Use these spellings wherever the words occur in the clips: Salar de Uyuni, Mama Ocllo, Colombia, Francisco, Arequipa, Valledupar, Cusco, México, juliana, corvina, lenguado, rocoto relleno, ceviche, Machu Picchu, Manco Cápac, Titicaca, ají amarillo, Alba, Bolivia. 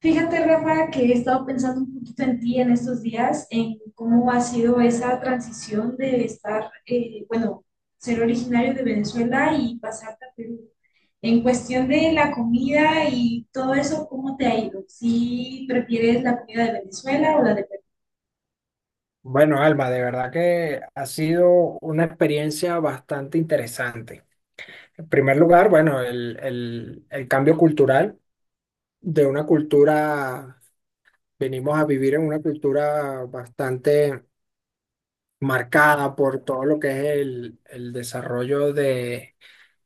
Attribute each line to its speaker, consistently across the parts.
Speaker 1: Fíjate, Rafa, que he estado pensando un poquito en ti en estos días, en cómo ha sido esa transición de estar, bueno, ser originario de Venezuela y pasarte a Perú. En cuestión de la comida y todo eso, ¿cómo te ha ido? ¿Si prefieres la comida de Venezuela o la de Perú?
Speaker 2: Bueno, Alba, de verdad que ha sido una experiencia bastante interesante. En primer lugar, bueno, el cambio cultural de una cultura, venimos a vivir en una cultura bastante marcada por todo lo que es el desarrollo de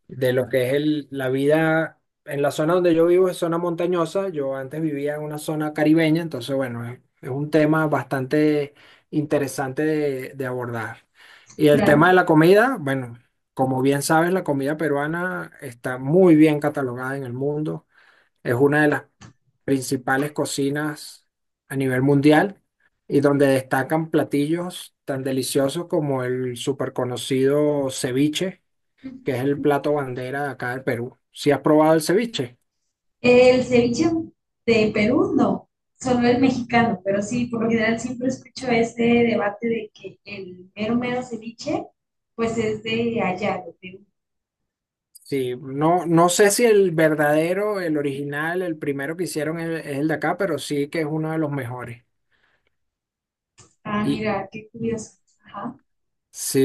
Speaker 2: lo que es el, la vida en la zona donde yo vivo es zona montañosa. Yo antes vivía en una zona caribeña, entonces bueno, es un tema bastante interesante de abordar. Y el
Speaker 1: Claro.
Speaker 2: tema de la comida, bueno, como bien sabes, la comida peruana está muy bien catalogada en el mundo. Es una de las principales cocinas a nivel mundial y donde destacan platillos tan deliciosos como el súper conocido ceviche, que es el
Speaker 1: Ujú.
Speaker 2: plato bandera de acá del Perú. ¿Si has probado el ceviche?
Speaker 1: El ceviche de Perú, no, solo el mexicano, pero sí, por lo general siempre escucho ese debate de que el mero mero ceviche, pues es de allá, de Perú.
Speaker 2: Sí, no, no sé si el verdadero, el original, el primero que hicieron es el de acá, pero sí que es uno de los mejores.
Speaker 1: Ah,
Speaker 2: Y
Speaker 1: mira, qué curioso. Ajá,
Speaker 2: sí,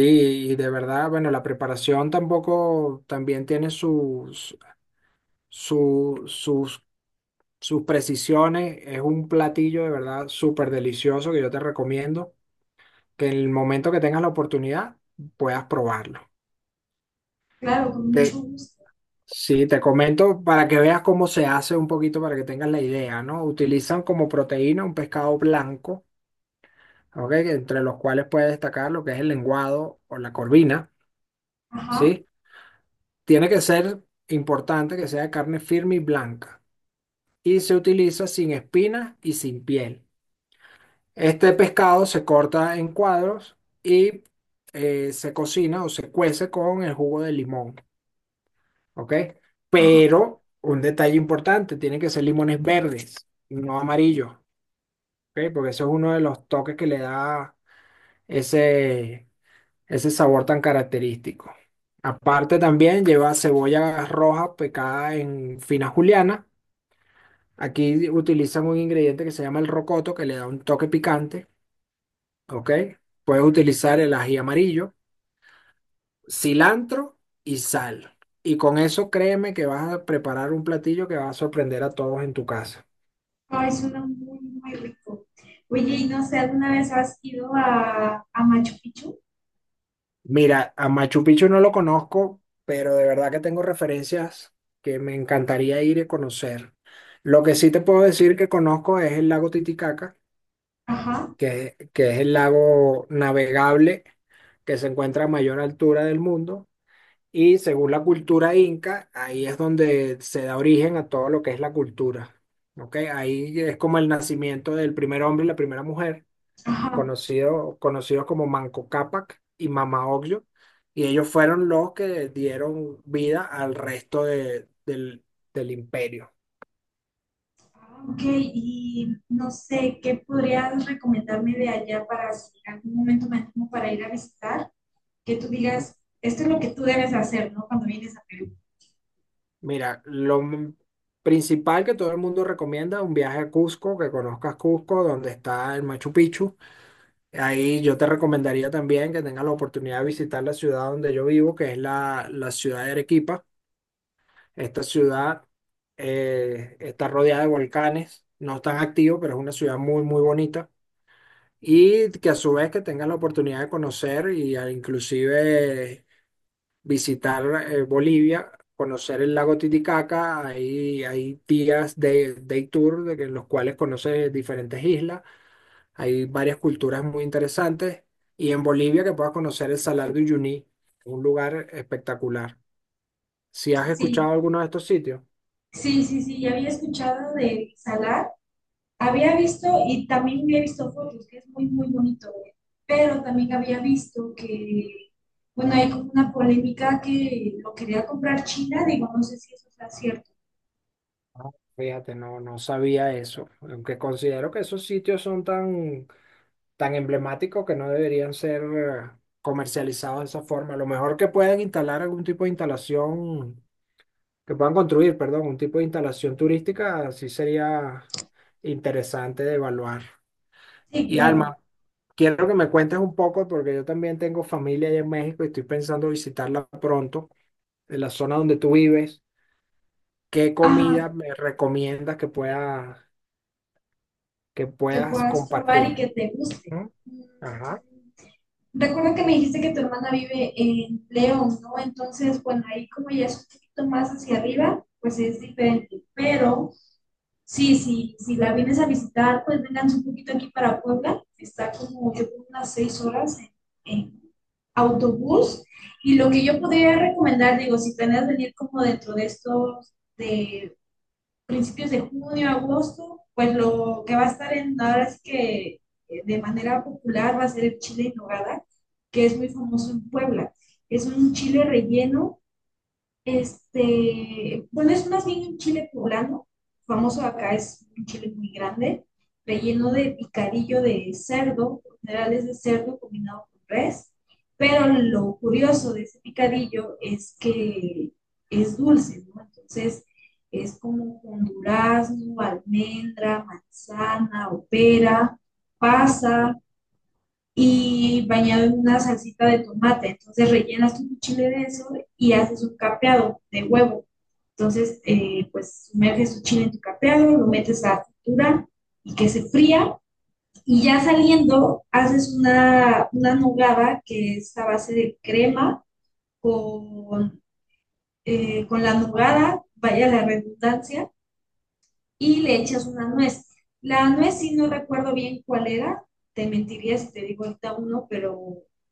Speaker 2: y de verdad, bueno, la preparación tampoco también tiene su- sus, sus precisiones. Es un platillo de verdad súper delicioso que yo te recomiendo que en el momento que tengas la oportunidad puedas probarlo.
Speaker 1: claro, con mucho
Speaker 2: Te-
Speaker 1: gusto.
Speaker 2: Sí, te comento para que veas cómo se hace un poquito, para que tengas la idea, ¿no? Utilizan como proteína un pescado blanco, ¿ok? Entre los cuales puede destacar lo que es el lenguado o la corvina,
Speaker 1: Ajá,
Speaker 2: ¿sí? Tiene que ser importante que sea de carne firme y blanca. Y se utiliza sin espinas y sin piel. Este pescado se corta en cuadros y se cocina o se cuece con el jugo de limón. ¿Ok?
Speaker 1: ajá.
Speaker 2: Pero un detalle importante, tienen que ser limones verdes, no amarillos, ¿ok? Porque eso es uno de los toques que le da ese, ese sabor tan característico. Aparte también lleva cebolla roja picada en fina juliana. Aquí utilizan un ingrediente que se llama el rocoto, que le da un toque picante, ¿ok? Puedes utilizar el ají amarillo, cilantro y sal. Y con eso créeme que vas a preparar un platillo que va a sorprender a todos en tu casa.
Speaker 1: Ay, suena muy, muy rico. Oye, y no sé, ¿alguna vez has ido a Machu Picchu?
Speaker 2: Mira, a Machu Picchu no lo conozco, pero de verdad que tengo referencias que me encantaría ir y conocer. Lo que sí te puedo decir que conozco es el lago Titicaca,
Speaker 1: Ajá,
Speaker 2: que es el lago navegable que se encuentra a mayor altura del mundo. Y según la cultura inca, ahí es donde se da origen a todo lo que es la cultura. ¿Ok? Ahí es como el nacimiento del primer hombre y la primera mujer
Speaker 1: ajá.
Speaker 2: conocidos como Manco Cápac y Mama Ocllo, y ellos fueron los que dieron vida al resto del imperio.
Speaker 1: Ah, ok, y no sé, ¿qué podrías recomendarme de allá para si en algún momento me animo para ir a visitar? Que tú digas, esto es lo que tú debes hacer, ¿no? Cuando vienes a Perú.
Speaker 2: Mira, principal que todo el mundo recomienda es un viaje a Cusco, que conozcas Cusco, donde está el Machu Picchu. Ahí yo te recomendaría también que tengas la oportunidad de visitar la ciudad donde yo vivo, que es la ciudad de Arequipa. Esta ciudad está rodeada de volcanes, no tan activo, pero es una ciudad muy, muy bonita. Y que a su vez que tengas la oportunidad de conocer y inclusive visitar Bolivia, conocer el lago Titicaca, hay días de day tour en los cuales conoces diferentes islas, hay varias culturas muy interesantes y en Bolivia que puedas conocer el Salar de Uyuni, un lugar espectacular. ¿Si has
Speaker 1: Sí,
Speaker 2: escuchado alguno de estos sitios?
Speaker 1: sí, sí, sí, había escuchado de Salar, había visto y también había visto fotos, que es muy, muy bonito, ¿eh? Pero también había visto que, bueno, hay como una polémica que lo quería comprar China, digo, no sé si eso está cierto.
Speaker 2: Fíjate, no, no sabía eso, aunque considero que esos sitios son tan, tan emblemáticos que no deberían ser comercializados de esa forma. A lo mejor que puedan instalar algún tipo de instalación, que puedan construir, perdón, un tipo de instalación turística, sí sería interesante de evaluar.
Speaker 1: Sí,
Speaker 2: Y
Speaker 1: claro.
Speaker 2: Alma, quiero que me cuentes un poco, porque yo también tengo familia allá en México y estoy pensando visitarla pronto, en la zona donde tú vives. ¿Qué
Speaker 1: Ah,
Speaker 2: comida me recomiendas que pueda que
Speaker 1: que
Speaker 2: puedas
Speaker 1: puedas probar y
Speaker 2: compartir?
Speaker 1: que te guste.
Speaker 2: ¿No?
Speaker 1: Mm.
Speaker 2: Ajá.
Speaker 1: Recuerdo que me dijiste que tu hermana vive en León, ¿no? Entonces, bueno, ahí como ya es un poquito más hacia arriba, pues es diferente. Pero sí, sí, si la vienes a visitar, pues vénganse un poquito aquí para Puebla. Está como yo creo, unas 6 horas en autobús. Y lo que yo podría recomendar, digo, si planeas venir como dentro de estos de principios de junio, agosto, pues lo que va a estar en nada es que de manera popular va a ser el chile en nogada, que es muy famoso en Puebla. Es un chile relleno este, bueno, es más bien un chile poblano, famoso acá es un chile muy grande, relleno de picadillo de cerdo, por general es de cerdo combinado con res, pero lo curioso de ese picadillo es que es dulce, ¿no? Entonces es como con durazno, almendra, manzana, o pera pasa, y bañado en una salsita de tomate. Entonces rellenas tu chile de eso y haces un capeado de huevo. Entonces, pues sumerges tu chile en tu capeado, lo metes a fritura y que se fría. Y ya saliendo, haces una nogada que es a base de crema con, con la nogada, vaya la redundancia, y le echas una nuez. La nuez, si no recuerdo bien cuál era, te mentiría si te digo ahorita uno, pero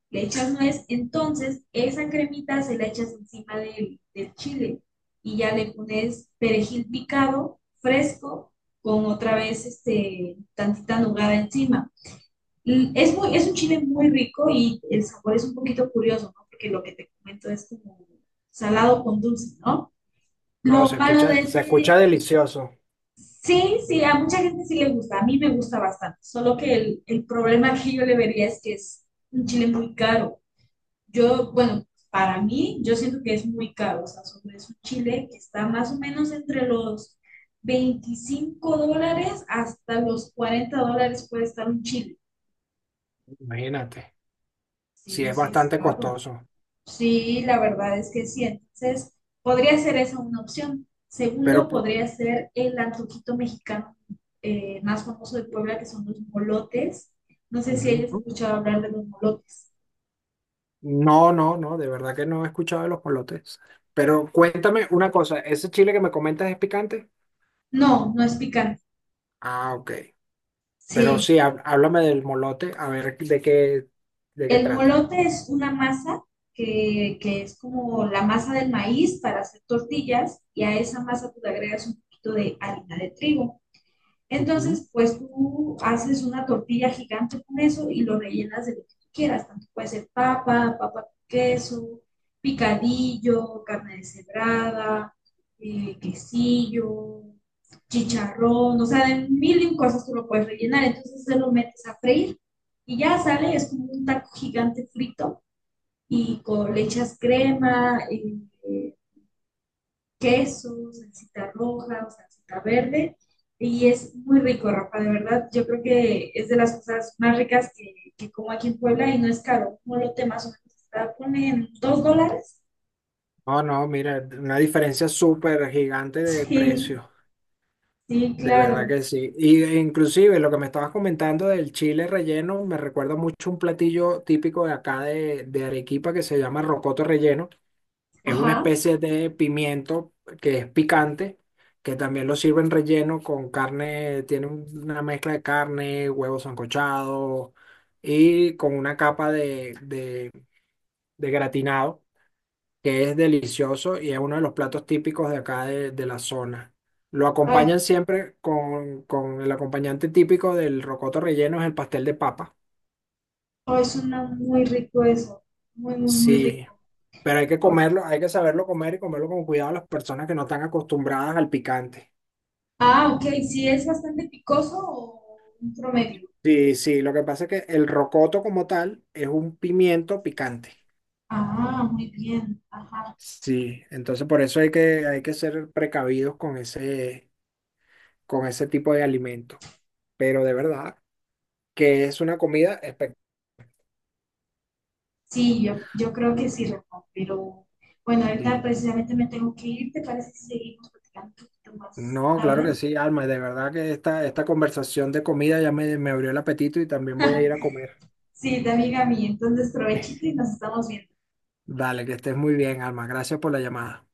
Speaker 1: le echas nuez, entonces esa cremita se la echas encima del, del chile y ya le pones perejil picado, fresco, con otra vez este, tantita nugada encima. Es, muy, es un chile muy rico y el sabor es un poquito curioso, ¿no? Porque lo que te comento es como salado con dulce, ¿no?
Speaker 2: No,
Speaker 1: Lo malo de
Speaker 2: se escucha
Speaker 1: ese,
Speaker 2: delicioso,
Speaker 1: sí, sí, a mucha gente sí le gusta, a mí me gusta bastante, solo que el problema que yo le vería es que es un chile muy caro. Yo, bueno, para mí, yo siento que es muy caro, o sea, sobre- es un chile que está más o menos entre los $25 hasta los $40 puede estar un chile.
Speaker 2: imagínate. Sí,
Speaker 1: Sí,
Speaker 2: es
Speaker 1: sí es
Speaker 2: bastante
Speaker 1: caro.
Speaker 2: costoso,
Speaker 1: Sí, la verdad es que sí. Entonces, podría ser esa una opción.
Speaker 2: pero
Speaker 1: Segundo, podría ser el antojito mexicano más famoso de Puebla, que son los molotes. No sé si hayas
Speaker 2: ujú.
Speaker 1: escuchado hablar de los molotes.
Speaker 2: No, no, no, de verdad que no he escuchado de los polotes. Pero cuéntame una cosa, ¿ese chile que me comentas es picante?
Speaker 1: No, no es picante.
Speaker 2: Ah, ok. Pero
Speaker 1: Sí,
Speaker 2: sí, háblame del molote, a ver de qué
Speaker 1: el
Speaker 2: trata.
Speaker 1: molote es una masa que es como la masa del maíz para hacer tortillas y a esa masa tú le agregas un poquito de harina de trigo.
Speaker 2: Ujú.
Speaker 1: Entonces, pues tú haces una tortilla gigante con eso y lo rellenas de lo que tú quieras. Tanto puede ser papa, papa con queso, picadillo, carne deshebrada, quesillo, chicharrón, o sea, de mil y un cosas tú lo puedes rellenar. Entonces se lo metes a freír y ya sale, es como un taco gigante frito y con, le echas crema, queso, salsita roja o salsita verde. Y es muy rico, Rafa, de verdad. Yo creo que es de las cosas más ricas que como aquí en Puebla y no es caro. Como lo te más o menos está, ponen $2.
Speaker 2: No, no, mira, una diferencia súper gigante de
Speaker 1: Sí,
Speaker 2: precio.
Speaker 1: sí,
Speaker 2: De verdad
Speaker 1: claro.
Speaker 2: que sí. Y e, inclusive lo que me estabas comentando del chile relleno me recuerda mucho un platillo típico de acá de Arequipa que se llama rocoto relleno. Es una
Speaker 1: Ajá.
Speaker 2: especie de pimiento que es picante, que también lo sirven relleno con carne, tiene una mezcla de carne, huevos sancochados y con una capa de de gratinado que es delicioso y es uno de los platos típicos de acá de la zona. Lo
Speaker 1: Ay,
Speaker 2: acompañan siempre con el acompañante típico del rocoto relleno, es el pastel de papa.
Speaker 1: oh, suena muy rico eso. Muy, muy, muy
Speaker 2: Sí,
Speaker 1: rico.
Speaker 2: pero hay que comerlo, hay que saberlo comer y comerlo con cuidado a las personas que no están acostumbradas al picante.
Speaker 1: Ah, ok. Sí, es bastante picoso o un promedio.
Speaker 2: Sí, sí, lo que pasa es que el rocoto como tal es un pimiento picante.
Speaker 1: Ah, muy bien. Ajá.
Speaker 2: Sí, entonces por eso hay que ser precavidos con ese tipo de alimento. Pero de verdad que es una comida espectacular.
Speaker 1: Sí, yo creo que sí, Rafa, pero bueno, ahorita precisamente me tengo que ir, ¿te parece si seguimos platicando un poquito más
Speaker 2: No, claro que
Speaker 1: tarde?
Speaker 2: sí, Alma, de verdad que esta conversación de comida ya me abrió el apetito y también voy a ir a comer.
Speaker 1: Sí, de amiga mía, entonces provechito y nos estamos viendo.
Speaker 2: Vale, que estés muy bien, Alma. Gracias por la llamada.